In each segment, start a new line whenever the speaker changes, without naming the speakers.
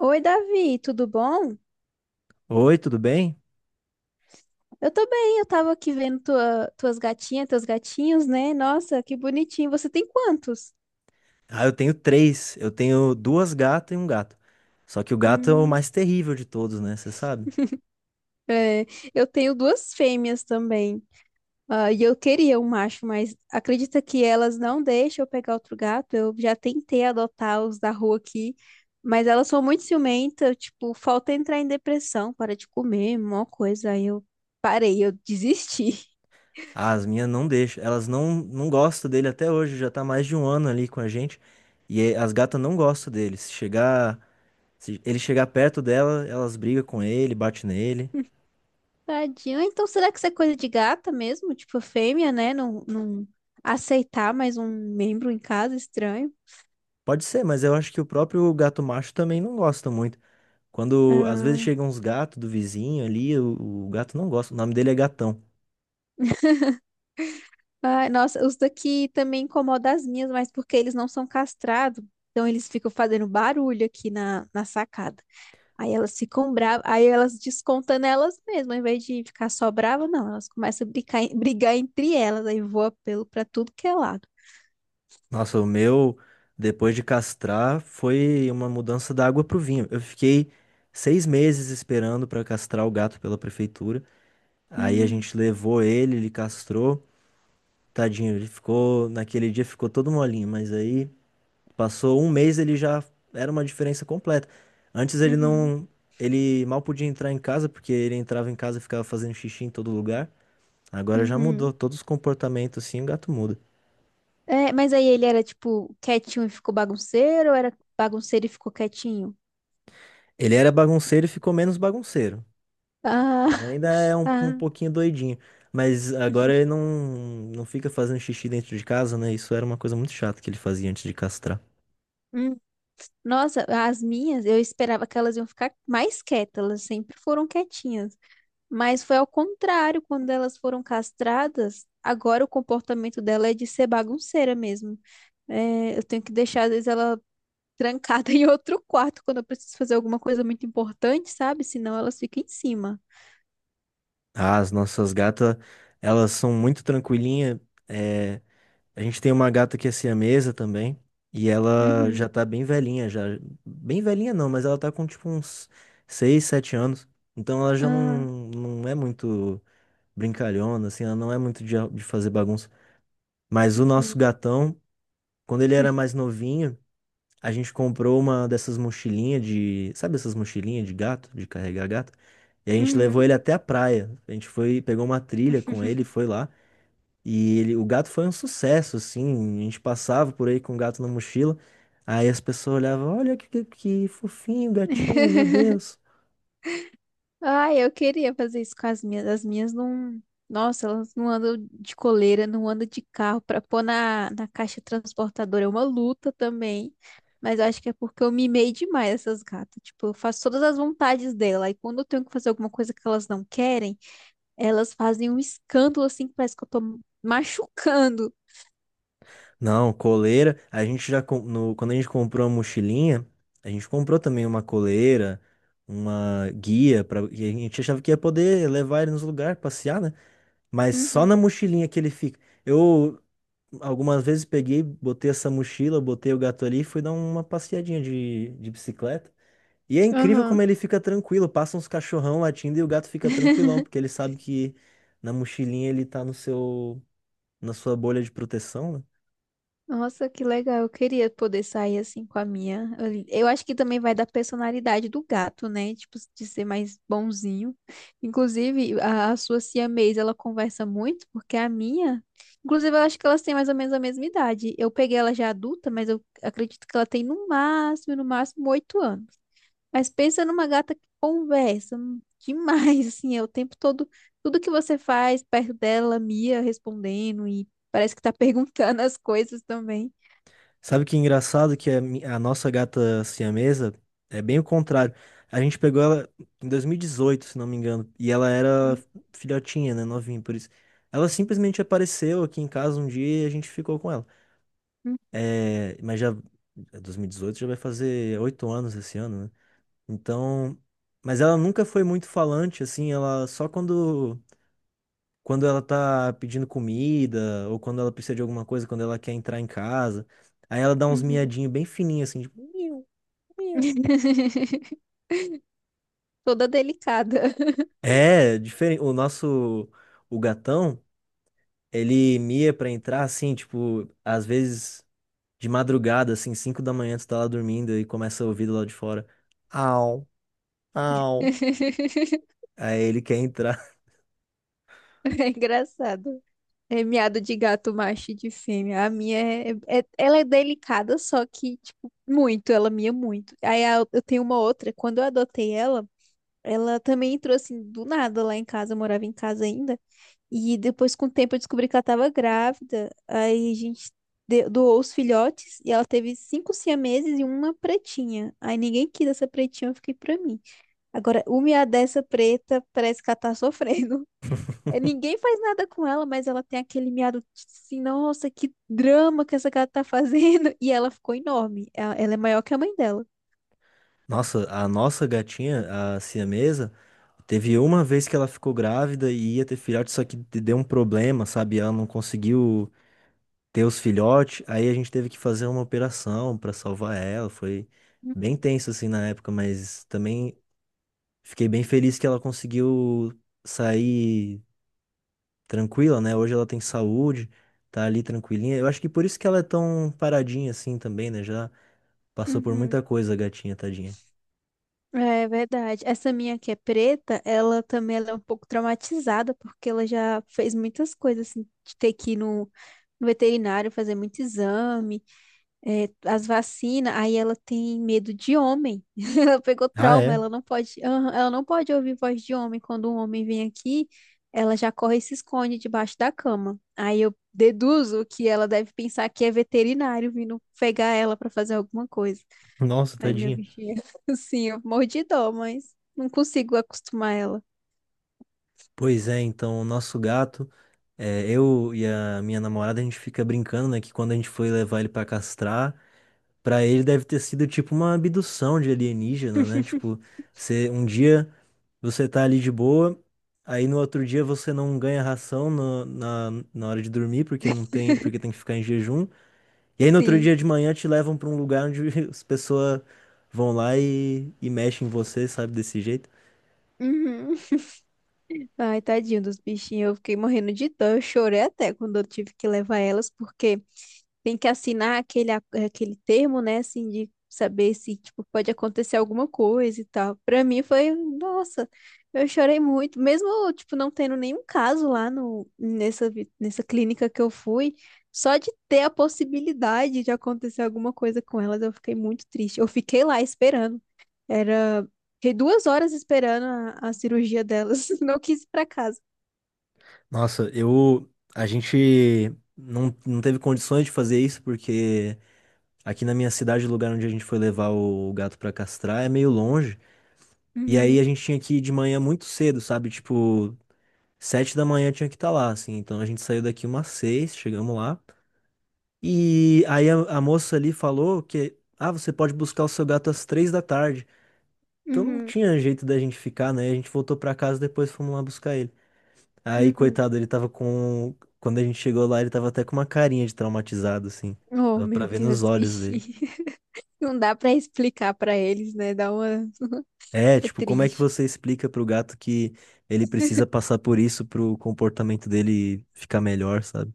Oi, Davi, tudo bom?
Oi, tudo bem?
Eu tô bem, eu tava aqui vendo tuas gatinhas, teus gatinhos, né? Nossa, que bonitinho. Você tem quantos?
Ah, eu tenho três. Eu tenho duas gatas e um gato. Só que o gato é o
Hum,
mais terrível de todos, né? Você sabe?
é, eu tenho duas fêmeas também. Ah, e eu queria um macho, mas acredita que elas não deixam eu pegar outro gato? Eu já tentei adotar os da rua aqui, mas elas são muito ciumentas, tipo, falta entrar em depressão, para de comer, mó coisa. Aí eu parei, eu desisti.
Ah, as minhas não deixam. Elas não gostam dele até hoje. Já tá mais de um ano ali com a gente. E as gatas não gostam dele. Se ele chegar perto dela, elas brigam com ele, batem nele.
Tadinho. Então, será que isso é coisa de gata mesmo? Tipo, fêmea, né? Não aceitar mais um membro em casa, estranho.
Pode ser, mas eu acho que o próprio gato macho também não gosta muito. Quando às vezes
Ah.
chegam uns gatos do vizinho ali, o gato não gosta. O nome dele é Gatão.
Ai, nossa, os daqui também incomodam as minhas, mas porque eles não são castrados. Então, eles ficam fazendo barulho aqui na sacada. Aí elas ficam bravas, aí elas descontam nelas mesmas, ao invés de ficar só brava, não, elas começam a brigar, brigar entre elas, aí voa pelo pra tudo que é lado.
Nossa, o meu, depois de castrar, foi uma mudança da água pro vinho. Eu fiquei 6 meses esperando pra castrar o gato pela prefeitura. Aí a
Hum,
gente levou ele, ele castrou. Tadinho, ele ficou, naquele dia ficou todo molinho, mas aí passou um mês, ele já era uma diferença completa. Antes ele
uhum,
não, ele mal podia entrar em casa, porque ele entrava em casa e ficava fazendo xixi em todo lugar. Agora já mudou,
uhum.
todos os comportamentos assim, o gato muda.
É, mas aí ele era, tipo, quietinho e ficou bagunceiro, ou era bagunceiro e ficou quietinho?
Ele era bagunceiro e ficou menos bagunceiro.
Ah,
Ele ainda é um
ah.
pouquinho doidinho. Mas agora ele não fica fazendo xixi dentro de casa, né? Isso era uma coisa muito chata que ele fazia antes de castrar.
Hum. Nossa, as minhas, eu esperava que elas iam ficar mais quietas, elas sempre foram quietinhas. Mas foi ao contrário, quando elas foram castradas, agora o comportamento dela é de ser bagunceira mesmo. É, eu tenho que deixar, às vezes, ela trancada em outro quarto quando eu preciso fazer alguma coisa muito importante, sabe? Senão elas ficam em cima.
Ah, as nossas gatas, elas são muito tranquilinhas. É, a gente tem uma gata que é siamesa também. E ela
Uhum.
já tá bem velhinha, já. Bem velhinha não, mas ela tá com tipo uns 6, 7 anos. Então ela já
Ah.
não é muito brincalhona, assim, ela não é muito de fazer bagunça. Mas o nosso
Uhum.
gatão, quando ele era mais novinho. A gente comprou uma dessas mochilinhas de. Sabe essas mochilinhas de gato, de carregar gato? E a gente levou
Uhum.
ele até a praia. A gente foi, pegou uma trilha com ele, foi lá. E ele, o gato foi um sucesso, assim. A gente passava por aí com o gato na mochila. Aí as pessoas olhavam: olha que fofinho, gatinho, meu Deus.
Ai, eu queria fazer isso com as minhas. As minhas não. Nossa, elas não andam de coleira, não andam de carro pra pôr na caixa transportadora. É uma luta também. Mas eu acho que é porque eu mimei demais essas gatas. Tipo, eu faço todas as vontades dela. E quando eu tenho que fazer alguma coisa que elas não querem, elas fazem um escândalo assim que parece que eu tô machucando.
Não, coleira. A gente já. Com- No, quando a gente comprou a mochilinha, a gente comprou também uma coleira, uma guia, e a gente achava que ia poder levar ele nos lugares, passear, né? Mas só
Uhum.
na mochilinha que ele fica. Eu algumas vezes peguei, botei essa mochila, botei o gato ali e fui dar uma passeadinha de bicicleta. E é incrível
Aham.
como ele fica tranquilo. Passa uns cachorrão latindo e o gato fica tranquilão, porque ele sabe que na mochilinha ele tá no seu, na sua bolha de proteção, né?
Nossa, que legal. Eu queria poder sair assim com a minha. Eu acho que também vai da personalidade do gato, né? Tipo, de ser mais bonzinho. Inclusive, a sua siamês, ela conversa muito, porque a minha. Inclusive, eu acho que elas têm mais ou menos a mesma idade. Eu peguei ela já adulta, mas eu acredito que ela tem no máximo, no máximo, 8 anos. Mas pensa numa gata que conversa demais, assim, é o tempo todo. Tudo que você faz perto dela, Mia respondendo e parece que tá perguntando as coisas também.
Sabe que engraçado que a nossa gata siamesa é bem o contrário. A gente pegou ela em 2018, se não me engano, e ela era
Uhum,
filhotinha, né, novinha, por isso. Ela simplesmente apareceu aqui em casa um dia e a gente ficou com ela. É, mas já, é 2018 já vai fazer 8 anos esse ano, né? Então, mas ela nunca foi muito falante, assim, ela só quando ela tá pedindo comida, ou quando ela precisa de alguma coisa, quando ela quer entrar em casa. Aí ela dá uns
uhum.
miadinhos bem fininhos, assim, tipo, miu, miu.
Toda delicada.
É, diferente. O nosso, o gatão, ele mia pra entrar, assim, tipo, às vezes de madrugada, assim, 5 da manhã, tu tá lá dormindo e começa a ouvir do lado de fora. Au, au. Aí ele quer entrar.
É engraçado. É miado de gato macho e de fêmea. A minha é, é, ela é delicada, só que, tipo, muito, ela mia muito. Eu tenho uma outra, quando eu adotei ela, ela também entrou assim do nada lá em casa, eu morava em casa ainda. E depois, com o tempo, eu descobri que ela tava grávida. Aí a gente doou os filhotes e ela teve 5 siameses e uma pretinha. Aí ninguém quis essa pretinha, eu fiquei pra mim. Agora, uma dessa preta parece que ela tá sofrendo. É, ninguém faz nada com ela, mas ela tem aquele miado assim, nossa, que drama que essa gata tá fazendo. E ela ficou enorme. Ela é maior que a mãe dela.
Nossa, a nossa gatinha, a siamesa, teve uma vez que ela ficou grávida e ia ter filhote, só que deu um problema, sabe? Ela não conseguiu ter os filhotes, aí a gente teve que fazer uma operação pra salvar ela. Foi bem tenso assim na época, mas também fiquei bem feliz que ela conseguiu sair tranquila, né? Hoje ela tem saúde, tá ali tranquilinha. Eu acho que por isso que ela é tão paradinha assim também, né? Já passou por
Uhum.
muita coisa a gatinha, tadinha.
É verdade. Essa minha que é preta, ela também ela é um pouco traumatizada, porque ela já fez muitas coisas, assim, de ter que ir no veterinário fazer muito exame. É, as vacinas, aí ela tem medo de homem. Ela pegou
Ah,
trauma,
é?
ela não pode, aham, ela não pode ouvir voz de homem. Quando um homem vem aqui, ela já corre e se esconde debaixo da cama. Aí eu deduzo que ela deve pensar que é veterinário vindo pegar ela para fazer alguma coisa.
Nossa,
Aí meu
tadinha.
bichinho, assim, eu morro de dó, mas não consigo acostumar ela.
Pois é, então, o nosso gato, é, eu e a minha namorada, a gente fica brincando, né, que quando a gente foi levar ele pra castrar, pra ele deve ter sido tipo uma abdução de alienígena, né? Tipo, você, um dia você tá ali de boa, aí no outro dia você não ganha ração na hora de dormir, porque não tem, porque tem que ficar em jejum. E aí no outro
Sim.
dia de manhã te levam pra um lugar onde as pessoas vão lá e mexem em você, sabe, desse jeito.
Uhum. Ai, tadinho dos bichinhos, eu fiquei morrendo de dó. Eu chorei até quando eu tive que levar elas, porque tem que assinar aquele termo, né? Assim, de saber se, tipo, pode acontecer alguma coisa e tal. Pra mim foi, nossa, eu chorei muito. Mesmo, tipo, não tendo nenhum caso lá no, nessa, nessa clínica que eu fui, só de ter a possibilidade de acontecer alguma coisa com elas, eu fiquei muito triste. Eu fiquei lá esperando. Era. Fiquei 2 horas esperando a cirurgia delas. Não quis ir pra casa.
Nossa, eu. A gente não teve condições de fazer isso, porque aqui na minha cidade, o lugar onde a gente foi levar o gato pra castrar é meio longe. E aí
Uhum,
a gente tinha que ir de manhã muito cedo, sabe? Tipo, 7 da manhã tinha que estar lá, assim. Então a gente saiu daqui umas 6, chegamos lá. E aí a moça ali falou que, ah, você pode buscar o seu gato às 3 da tarde. Então não
uhum,
tinha jeito da gente ficar, né? A gente voltou pra casa depois fomos lá buscar ele. Aí,
uhum.
coitado, ele tava com. Quando a gente chegou lá, ele tava até com uma carinha de traumatizado, assim.
Oh,
Dava pra
meu
ver nos
Deus,
olhos
bichinho.
dele.
Não dá pra explicar pra eles, né? Dá uma.
É,
É
tipo, como é que
triste.
você explica pro gato que ele precisa passar por isso pro comportamento dele ficar melhor, sabe?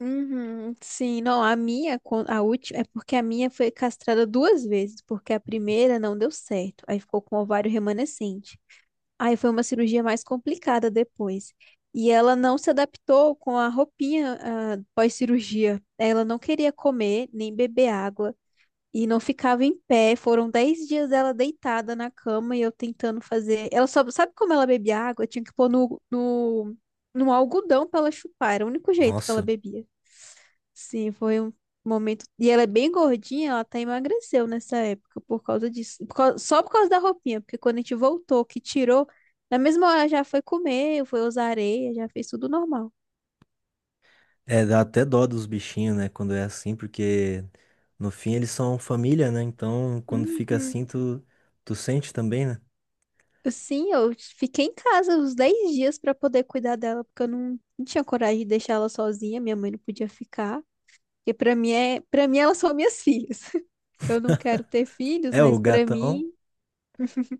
Uhum, sim, não, a minha, a última, é porque a minha foi castrada 2 vezes, porque a primeira não deu certo, aí ficou com ovário remanescente. Aí foi uma cirurgia mais complicada depois. E ela não se adaptou com a roupinha, ah, pós-cirurgia. Ela não queria comer nem beber água. E não ficava em pé. Foram 10 dias ela deitada na cama e eu tentando fazer. Ela só sabe como ela bebia água? Tinha que pôr no algodão pra ela chupar. Era o único jeito que ela
Nossa.
bebia. Sim, foi um momento. E ela é bem gordinha, ela até emagreceu nessa época por causa disso. Só por causa da roupinha, porque quando a gente voltou, que tirou, na mesma hora já foi comer, foi usar areia, já fez tudo normal.
É, dá até dó dos bichinhos, né, quando é assim, porque no fim eles são família, né? Então, quando fica
Uhum.
assim, tu sente também, né?
Sim, eu fiquei em casa uns 10 dias pra poder cuidar dela, porque eu não tinha coragem de deixar ela sozinha, minha mãe não podia ficar. Porque pra mim é, para mim elas são minhas filhas. Eu não quero ter filhos,
É, o
mas pra
gatão.
mim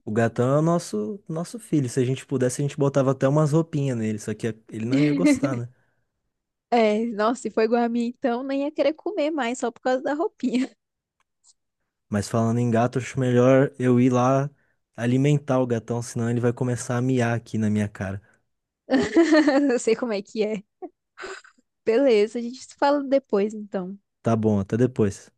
O gatão é o nosso filho. Se a gente pudesse, a gente botava até umas roupinhas nele, só que ele não ia gostar, né?
é, nossa, se for igual a mim então, nem ia querer comer mais só por causa da roupinha.
Mas falando em gato, acho melhor eu ir lá alimentar o gatão, senão ele vai começar a miar aqui na minha cara.
Eu sei como é que é. Beleza, a gente se fala depois então.
Tá bom, até depois.